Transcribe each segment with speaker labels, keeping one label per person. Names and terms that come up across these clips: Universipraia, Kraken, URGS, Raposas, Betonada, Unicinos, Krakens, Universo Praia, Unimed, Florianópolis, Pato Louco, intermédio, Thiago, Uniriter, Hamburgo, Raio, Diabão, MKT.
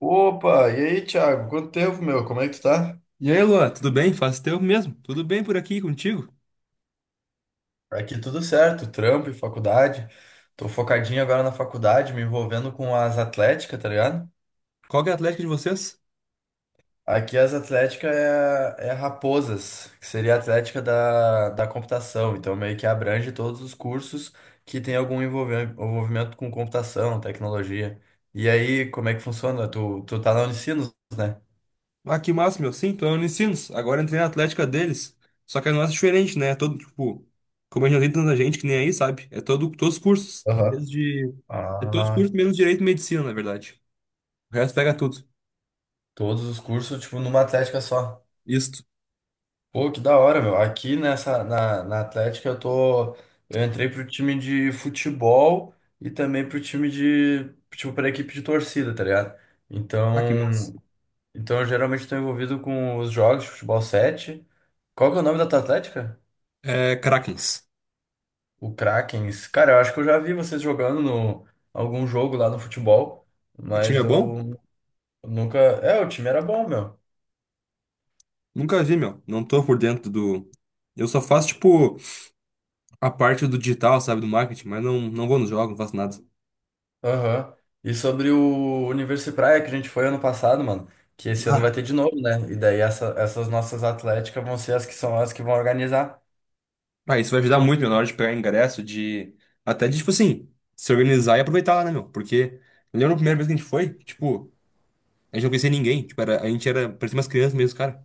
Speaker 1: Opa, e aí, Thiago? Quanto tempo, meu? Como é que tu tá?
Speaker 2: E aí, Luan, tudo bem? Faz tempo mesmo? Tudo bem por aqui contigo?
Speaker 1: Aqui tudo certo, trampo e faculdade. Tô focadinho agora na faculdade, me envolvendo com as atléticas, tá ligado?
Speaker 2: Qual que é a Atlética de vocês?
Speaker 1: Aqui as atléticas é Raposas, que seria a atlética da computação. Então meio que abrange todos os cursos que tem algum envolvimento com computação, tecnologia. E aí, como é que funciona? Tu tá na Unicinos, né?
Speaker 2: Ah, que massa, meu. Sim, tô na Unicinos. Agora entrei na Atlética deles. Só que a nossa é diferente, né? É todo, tipo, como a gente não tem tanta gente que nem aí, sabe? É todo, todos os cursos.
Speaker 1: Aham.
Speaker 2: Desde. É todos os
Speaker 1: Ah,
Speaker 2: cursos menos Direito e Medicina, na verdade. O resto pega tudo.
Speaker 1: todos os cursos, tipo, numa atlética só.
Speaker 2: Isto.
Speaker 1: Pô, que da hora, meu. Aqui nessa, na Atlética eu tô. Eu entrei pro time de futebol e também pro time de. Tipo, pra equipe de torcida, tá ligado?
Speaker 2: Ah, que massa.
Speaker 1: Então. Então eu geralmente tô envolvido com os jogos de futebol 7. Qual que é o nome da tua Atlética?
Speaker 2: É, Krakens.
Speaker 1: O Kraken. Cara, eu acho que eu já vi vocês jogando no algum jogo lá no futebol,
Speaker 2: O time é
Speaker 1: mas
Speaker 2: bom?
Speaker 1: eu nunca. É, o time era bom, meu.
Speaker 2: Nunca vi, meu. Não tô por dentro do. Eu só faço, tipo, a parte do digital, sabe? Do marketing, mas não, não vou nos jogos, não faço nada.
Speaker 1: Aham. E sobre o Universo Praia que a gente foi ano passado, mano, que esse ano vai ter de novo, né? E daí essas nossas atléticas vão ser as que são as que vão organizar.
Speaker 2: Ah, isso vai ajudar muito, meu, na hora de pegar ingresso, de. Até de, tipo assim, se organizar e aproveitar lá, né, meu? Porque eu lembro a primeira vez que a gente foi, tipo, a gente não conhecia ninguém. Tipo, a gente era, parecia umas crianças mesmo, cara.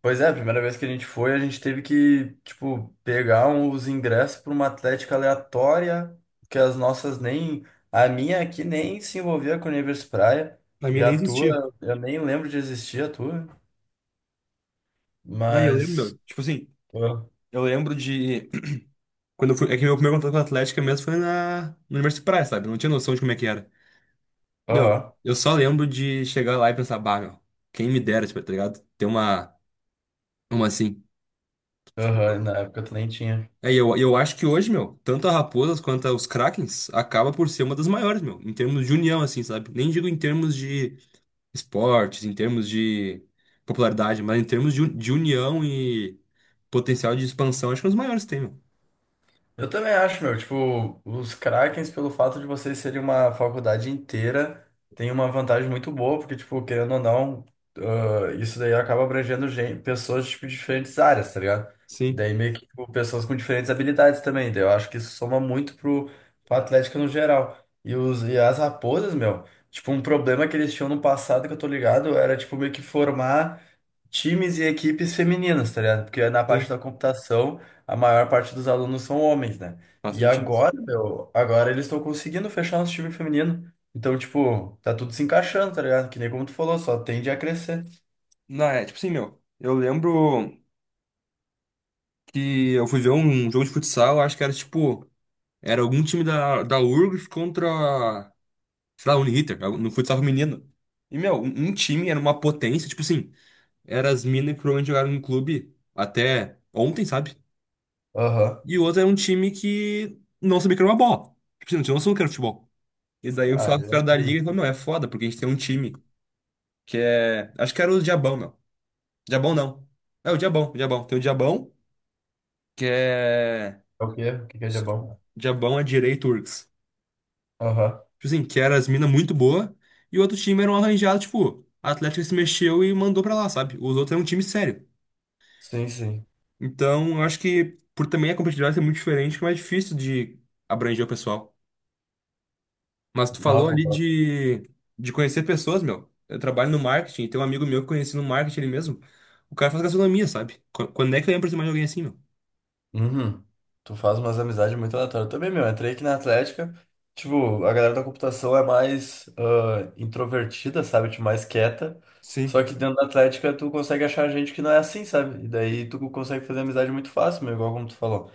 Speaker 1: Pois é, a primeira vez que a gente foi, a gente teve que, tipo, pegar os ingressos para uma atlética aleatória, que as nossas nem. A minha aqui nem se envolvia com o Universo Praia,
Speaker 2: A
Speaker 1: e
Speaker 2: minha
Speaker 1: a
Speaker 2: nem existia.
Speaker 1: tua, eu nem lembro de existir a tua,
Speaker 2: Daí eu lembro,
Speaker 1: mas.
Speaker 2: meu, tipo assim,
Speaker 1: ah,
Speaker 2: eu lembro de. Quando eu fui. É que meu primeiro contato com a Atlética mesmo foi no Universidade Praia, sabe? Eu não tinha noção de como é que era. Meu,
Speaker 1: Aham,
Speaker 2: eu só lembro de chegar lá e pensar, bah, meu, quem me dera, tipo, tá ligado? Ter uma. Uma assim. Tipo.
Speaker 1: aham, na época tu nem tinha.
Speaker 2: É, e eu acho que hoje, meu, tanto a Raposas quanto os Krakens acaba por ser uma das maiores, meu, em termos de união, assim, sabe? Nem digo em termos de esportes, em termos de popularidade, mas em termos de, de união e potencial de expansão, acho que é um dos maiores que tem, meu.
Speaker 1: Eu também acho, meu, tipo, os Krakens, pelo fato de vocês serem uma faculdade inteira, tem uma vantagem muito boa, porque, tipo, querendo ou não, isso daí acaba abrangendo pessoas, tipo, de diferentes áreas, tá ligado?
Speaker 2: Sim,
Speaker 1: Daí meio que, tipo, pessoas com diferentes habilidades também, daí eu acho que isso soma muito pro, pro Atlético no geral. E as raposas, meu, tipo, um problema que eles tinham no passado, que eu tô ligado, era, tipo, meio que formar times e equipes femininas, tá ligado? Porque na parte da
Speaker 2: sim.
Speaker 1: computação, a maior parte dos alunos são homens, né?
Speaker 2: Faz
Speaker 1: E
Speaker 2: sentido.
Speaker 1: agora, meu, agora eles estão conseguindo fechar nosso time feminino. Então, tipo, tá tudo se encaixando, tá ligado? Que nem como tu falou, só tende a crescer.
Speaker 2: Não, é, tipo assim, meu, eu lembro que eu fui ver um jogo de futsal, acho que era tipo, era algum time da URGS contra, sei lá, Uniriter, no futsal feminino. E, meu, um time era uma potência, tipo assim. Era as minas que provavelmente jogaram no clube até ontem, sabe?
Speaker 1: Aham.
Speaker 2: E o outro era um time que não sabia que era uma bola. Tipo, assim, não tinha noção do que era futebol. E daí o
Speaker 1: Ah,
Speaker 2: sócio
Speaker 1: é
Speaker 2: cara da liga
Speaker 1: ruim.
Speaker 2: falou, meu, é foda, porque a gente tem um time que é... Acho que era o Diabão, meu. Diabão não. É o Diabão, o Diabão. Tem o Diabão, que é...
Speaker 1: É o quê? O que que é de bom?
Speaker 2: Diabão é direito Turks.
Speaker 1: Aham.
Speaker 2: Tipo assim, que era as minas muito boa. E o outro time era um arranjado, tipo, a Atlética se mexeu e mandou pra lá, sabe? Os outros eram um time sério.
Speaker 1: Sim, sim.
Speaker 2: Então, eu acho que por também a competitividade ser muito diferente, é mais difícil de abranger o pessoal. Mas tu
Speaker 1: Não,
Speaker 2: falou
Speaker 1: eu
Speaker 2: ali
Speaker 1: concordo.
Speaker 2: de conhecer pessoas, meu. Eu trabalho no marketing, tem um amigo meu que eu conheci no marketing ele mesmo. O cara faz gastronomia, sabe? Quando é que eu ia aproximar de alguém assim, meu?
Speaker 1: Uhum. Tu faz umas amizades muito aleatórias. Também, meu, entrei aqui na Atlética. Tipo, a galera da computação é mais introvertida, sabe? Tipo, mais quieta. Só
Speaker 2: Sim,
Speaker 1: que dentro da Atlética tu consegue achar gente que não é assim, sabe? E daí tu consegue fazer amizade muito fácil, meu, igual como tu falou.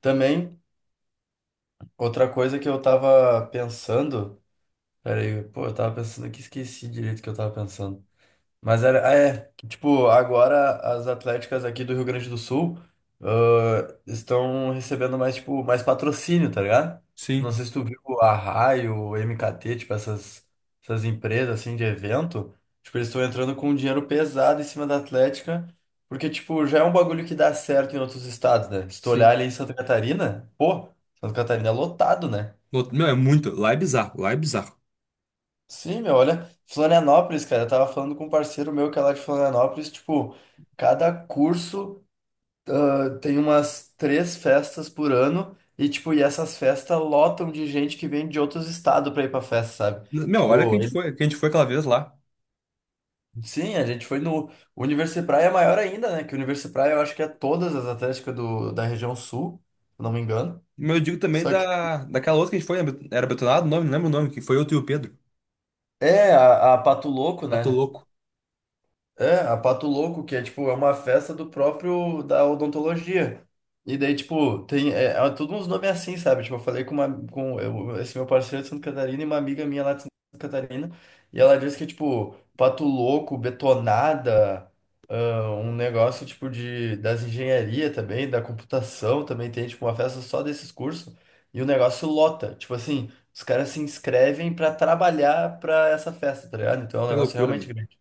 Speaker 1: Também, outra coisa que eu tava pensando. Pera aí, pô, eu tava pensando aqui, esqueci direito o que eu tava pensando. Mas é, que, tipo, agora as atléticas aqui do Rio Grande do Sul, estão recebendo mais, tipo, mais patrocínio, tá ligado? Tipo, não
Speaker 2: sim,
Speaker 1: sei se tu viu a Raio, MKT, tipo, essas empresas, assim, de evento, tipo, eles estão entrando com um dinheiro pesado em cima da Atlética, porque, tipo, já é um bagulho que dá certo em outros estados, né? Se tu olhar
Speaker 2: sim.
Speaker 1: ali em Santa Catarina, pô, Santa Catarina é lotado, né?
Speaker 2: Meu, é muito. Lá é bizarro, lá é bizarro.
Speaker 1: Sim, meu, olha, Florianópolis, cara, eu tava falando com um parceiro meu que é lá de Florianópolis, tipo, cada curso tem umas 3 festas por ano e, tipo, e essas festas lotam de gente que vem de outros estados pra ir pra festa, sabe?
Speaker 2: Meu, olha que a
Speaker 1: Tipo,
Speaker 2: gente foi, que a gente foi aquela vez lá.
Speaker 1: sim, a gente foi no. O Universipraia é maior ainda, né? Que o Universipraia eu acho que é todas as atléticas do, da região sul, se eu não me engano.
Speaker 2: Meu, eu digo também
Speaker 1: Só que
Speaker 2: daquela outra que a gente foi, era Betonado, o nome, não lembro o nome, que foi eu, tu e o Pedro.
Speaker 1: é a Pato Louco,
Speaker 2: Ah, tô
Speaker 1: né?
Speaker 2: louco.
Speaker 1: É, a Pato Louco, que é tipo, é uma festa do próprio da odontologia. E daí, tipo, tem é tudo uns nomes assim, sabe? Tipo, eu falei com esse meu parceiro de Santa Catarina e uma amiga minha lá de Santa Catarina, e ela disse que tipo, Pato Louco, Betonada, um negócio tipo de das engenharia também, da computação também tem tipo uma festa só desses cursos, e o negócio lota. Tipo assim, os caras se inscrevem pra trabalhar pra essa festa, tá ligado? Então é um
Speaker 2: Que
Speaker 1: negócio
Speaker 2: loucura,
Speaker 1: realmente
Speaker 2: meu.
Speaker 1: grande.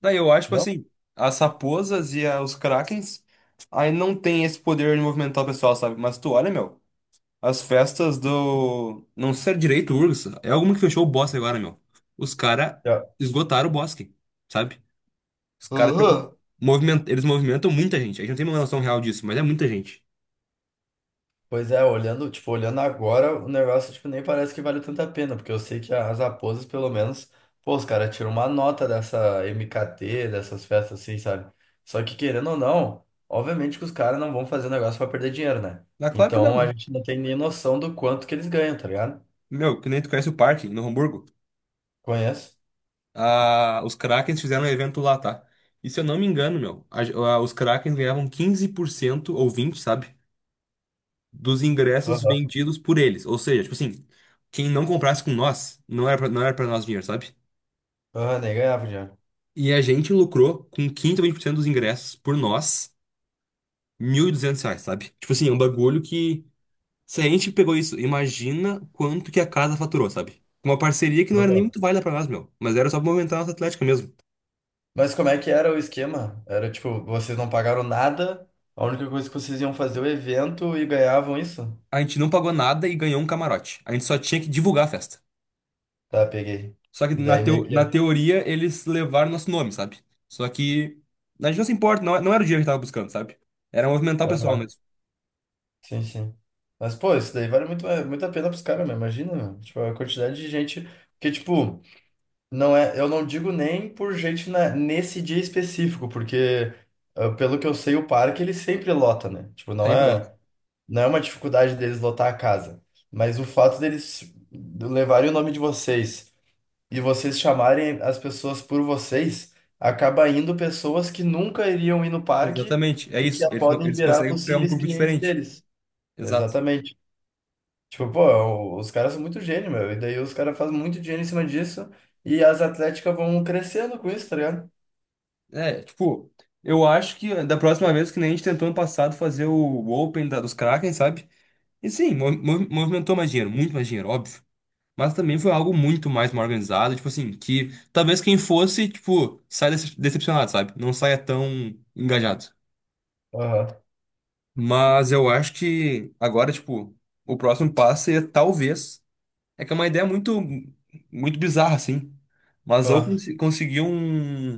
Speaker 2: Daí eu acho, tipo
Speaker 1: Não?
Speaker 2: assim, as raposas e os Krakens aí não tem esse poder de movimentar o pessoal, sabe? Mas tu olha, meu, as festas do. Não sei se é direito, URGS. É alguma que fechou o bosque agora, meu. Os caras esgotaram o bosque, sabe? Os caras tão-
Speaker 1: Aham.
Speaker 2: moviment... Eles movimentam muita gente. A gente não tem uma noção real disso, mas é muita gente.
Speaker 1: Pois é, olhando, tipo, olhando agora, o negócio, tipo, nem parece que vale tanta pena, porque eu sei que as raposas, pelo menos, pô, os caras tiram uma nota dessa MKT, dessas festas assim, sabe? Só que querendo ou não, obviamente que os caras não vão fazer um negócio pra perder dinheiro, né?
Speaker 2: Ah, claro que não,
Speaker 1: Então a
Speaker 2: né?
Speaker 1: gente não tem nem noção do quanto que eles ganham, tá ligado?
Speaker 2: Meu, que nem tu conhece o parque no Hamburgo.
Speaker 1: Conheço?
Speaker 2: Ah, os Krakens fizeram um evento lá, tá? E se eu não me engano, meu, os Krakens ganhavam quinze por cento ou 20, sabe? Dos ingressos
Speaker 1: Aham.
Speaker 2: vendidos por eles. Ou seja, tipo assim, quem não comprasse com nós, não era pra nós dinheiro, sabe?
Speaker 1: Aham, nem ganhava dinheiro.
Speaker 2: E a gente lucrou com 15 ou 20% dos ingressos por nós, R$1.200, sabe? Tipo assim, é um bagulho que, se a gente pegou isso, imagina quanto que a casa faturou, sabe? Uma parceria que não era nem
Speaker 1: Aham.
Speaker 2: muito válida pra nós, meu, mas era só pra movimentar a nossa atlética mesmo.
Speaker 1: Mas como é que era o esquema? Era tipo, vocês não pagaram nada, a única coisa que vocês iam fazer é o evento e ganhavam isso?
Speaker 2: A gente não pagou nada e ganhou um camarote. A gente só tinha que divulgar a festa.
Speaker 1: Tá, peguei.
Speaker 2: Só que
Speaker 1: E
Speaker 2: na,
Speaker 1: daí meio
Speaker 2: teo, na
Speaker 1: que.
Speaker 2: teoria eles levaram nosso nome, sabe? Só que a gente não se importa, não, é, não era o dinheiro que tava buscando, sabe? Era movimentar o pessoal
Speaker 1: Aham,
Speaker 2: mesmo.
Speaker 1: sim, sim. Mas, pô, isso daí vale muito, é, muito a pena pros caras, meu. Imagina, meu. Tipo, a quantidade de gente que, tipo, não é. Eu não digo nem por gente na, nesse dia específico, porque, pelo que eu sei, o parque ele sempre lota, né? Tipo, não
Speaker 2: Sempre lota.
Speaker 1: é, não é uma dificuldade deles lotar a casa. Mas o fato deles levarem o nome de vocês. E vocês chamarem as pessoas por vocês, acaba indo pessoas que nunca iriam ir no parque
Speaker 2: Exatamente, é
Speaker 1: e que
Speaker 2: isso. Eles, con-
Speaker 1: podem
Speaker 2: eles
Speaker 1: virar
Speaker 2: conseguem pegar um
Speaker 1: possíveis
Speaker 2: público
Speaker 1: clientes
Speaker 2: diferente.
Speaker 1: deles.
Speaker 2: Exato.
Speaker 1: Exatamente. Tipo, pô, os caras são muito gênio, meu. E daí os caras fazem muito dinheiro em cima disso e as atléticas vão crescendo com isso, tá ligado?
Speaker 2: É, tipo, eu acho que da próxima vez que nem a gente tentou ano passado fazer o Open dos Kraken, sabe? E sim, movimentou mais dinheiro, muito mais dinheiro, óbvio. Mas também foi algo muito mais mal organizado, tipo assim, que talvez quem fosse, tipo, saia decepcionado, sabe? Não saia tão engajado.
Speaker 1: Aham.
Speaker 2: Mas eu acho que agora, tipo, o próximo passo é talvez. É que é uma ideia muito, muito bizarra, assim. Mas ou
Speaker 1: Aham,
Speaker 2: conseguir um,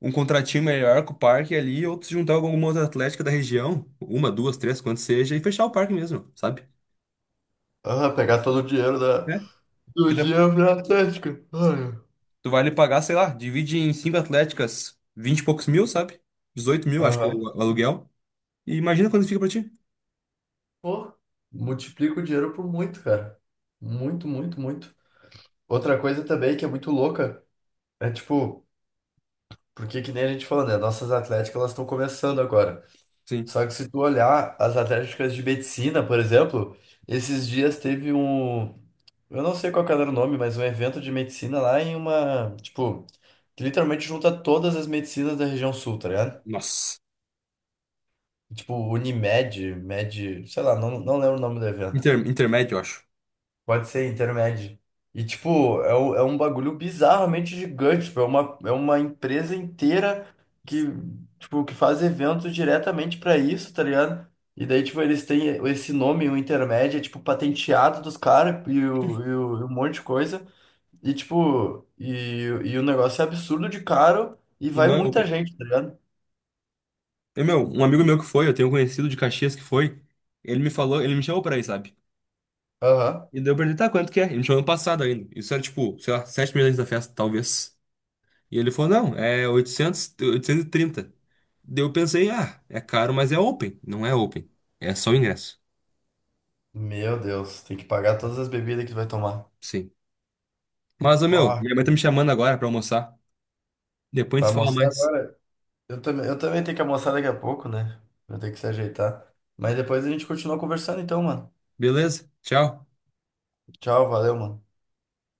Speaker 2: um contratinho melhor com o parque ali, ou se juntar com alguma outra atlética da região, uma, duas, três, quanto seja, e fechar o parque mesmo, sabe?
Speaker 1: Aham, pegar todo o dinheiro
Speaker 2: É.
Speaker 1: do
Speaker 2: Porque Tu
Speaker 1: dinheiro pra Atlética. Ai.
Speaker 2: tu vai lhe pagar, sei lá, divide em cinco atléticas, vinte e poucos mil, sabe? 18.000, acho que é
Speaker 1: Aham.
Speaker 2: o aluguel. E imagina quando fica pra ti.
Speaker 1: Pô, multiplica o dinheiro por muito, cara. Muito, muito, muito. Outra coisa também que é muito louca é tipo, porque que nem a gente falou, né? Nossas atléticas elas estão começando agora.
Speaker 2: Sim.
Speaker 1: Só que se tu olhar as atléticas de medicina, por exemplo, esses dias teve um, eu não sei qual que era o nome, mas um evento de medicina lá em uma, tipo, que literalmente junta todas as medicinas da região sul, tá ligado?
Speaker 2: Nossa.
Speaker 1: Tipo, Unimed, Med, sei lá, não, não lembro o nome do evento.
Speaker 2: Intermédio, eu acho.
Speaker 1: Pode ser intermédio. E, tipo, é, é um bagulho bizarramente gigante. Tipo, é uma empresa inteira que, tipo, que faz eventos diretamente pra isso, tá ligado? E daí, tipo, eles têm esse nome, o intermédio, é, tipo, patenteado dos caras e um monte de coisa. E, tipo, e o negócio é absurdo de caro e
Speaker 2: E
Speaker 1: vai
Speaker 2: não é
Speaker 1: muita
Speaker 2: open.
Speaker 1: gente, tá ligado?
Speaker 2: E, meu, um amigo meu que foi, eu tenho um conhecido de Caxias que foi, ele me falou, ele me chamou pra ir, sabe?
Speaker 1: Aham.
Speaker 2: E daí eu perguntei, tá, quanto que é? Ele me chamou ano passado ainda. Isso era tipo, sei lá, 7 meses antes da festa, talvez. E ele falou, não, é oitocentos e trinta. Daí eu pensei, ah, é caro, mas é open. Não é open. É só o ingresso.
Speaker 1: Meu Deus, tem que pagar todas as bebidas que tu vai tomar.
Speaker 2: Sim. Mas, ô, meu,
Speaker 1: Ó,
Speaker 2: minha mãe tá me chamando agora pra almoçar. Depois a
Speaker 1: vai
Speaker 2: gente se fala
Speaker 1: almoçar
Speaker 2: mais.
Speaker 1: agora? Eu também tenho que almoçar daqui a pouco, né? Vou ter que se ajeitar. Mas depois a gente continua conversando então, mano.
Speaker 2: Beleza? Tchau.
Speaker 1: Tchau, valeu, mano.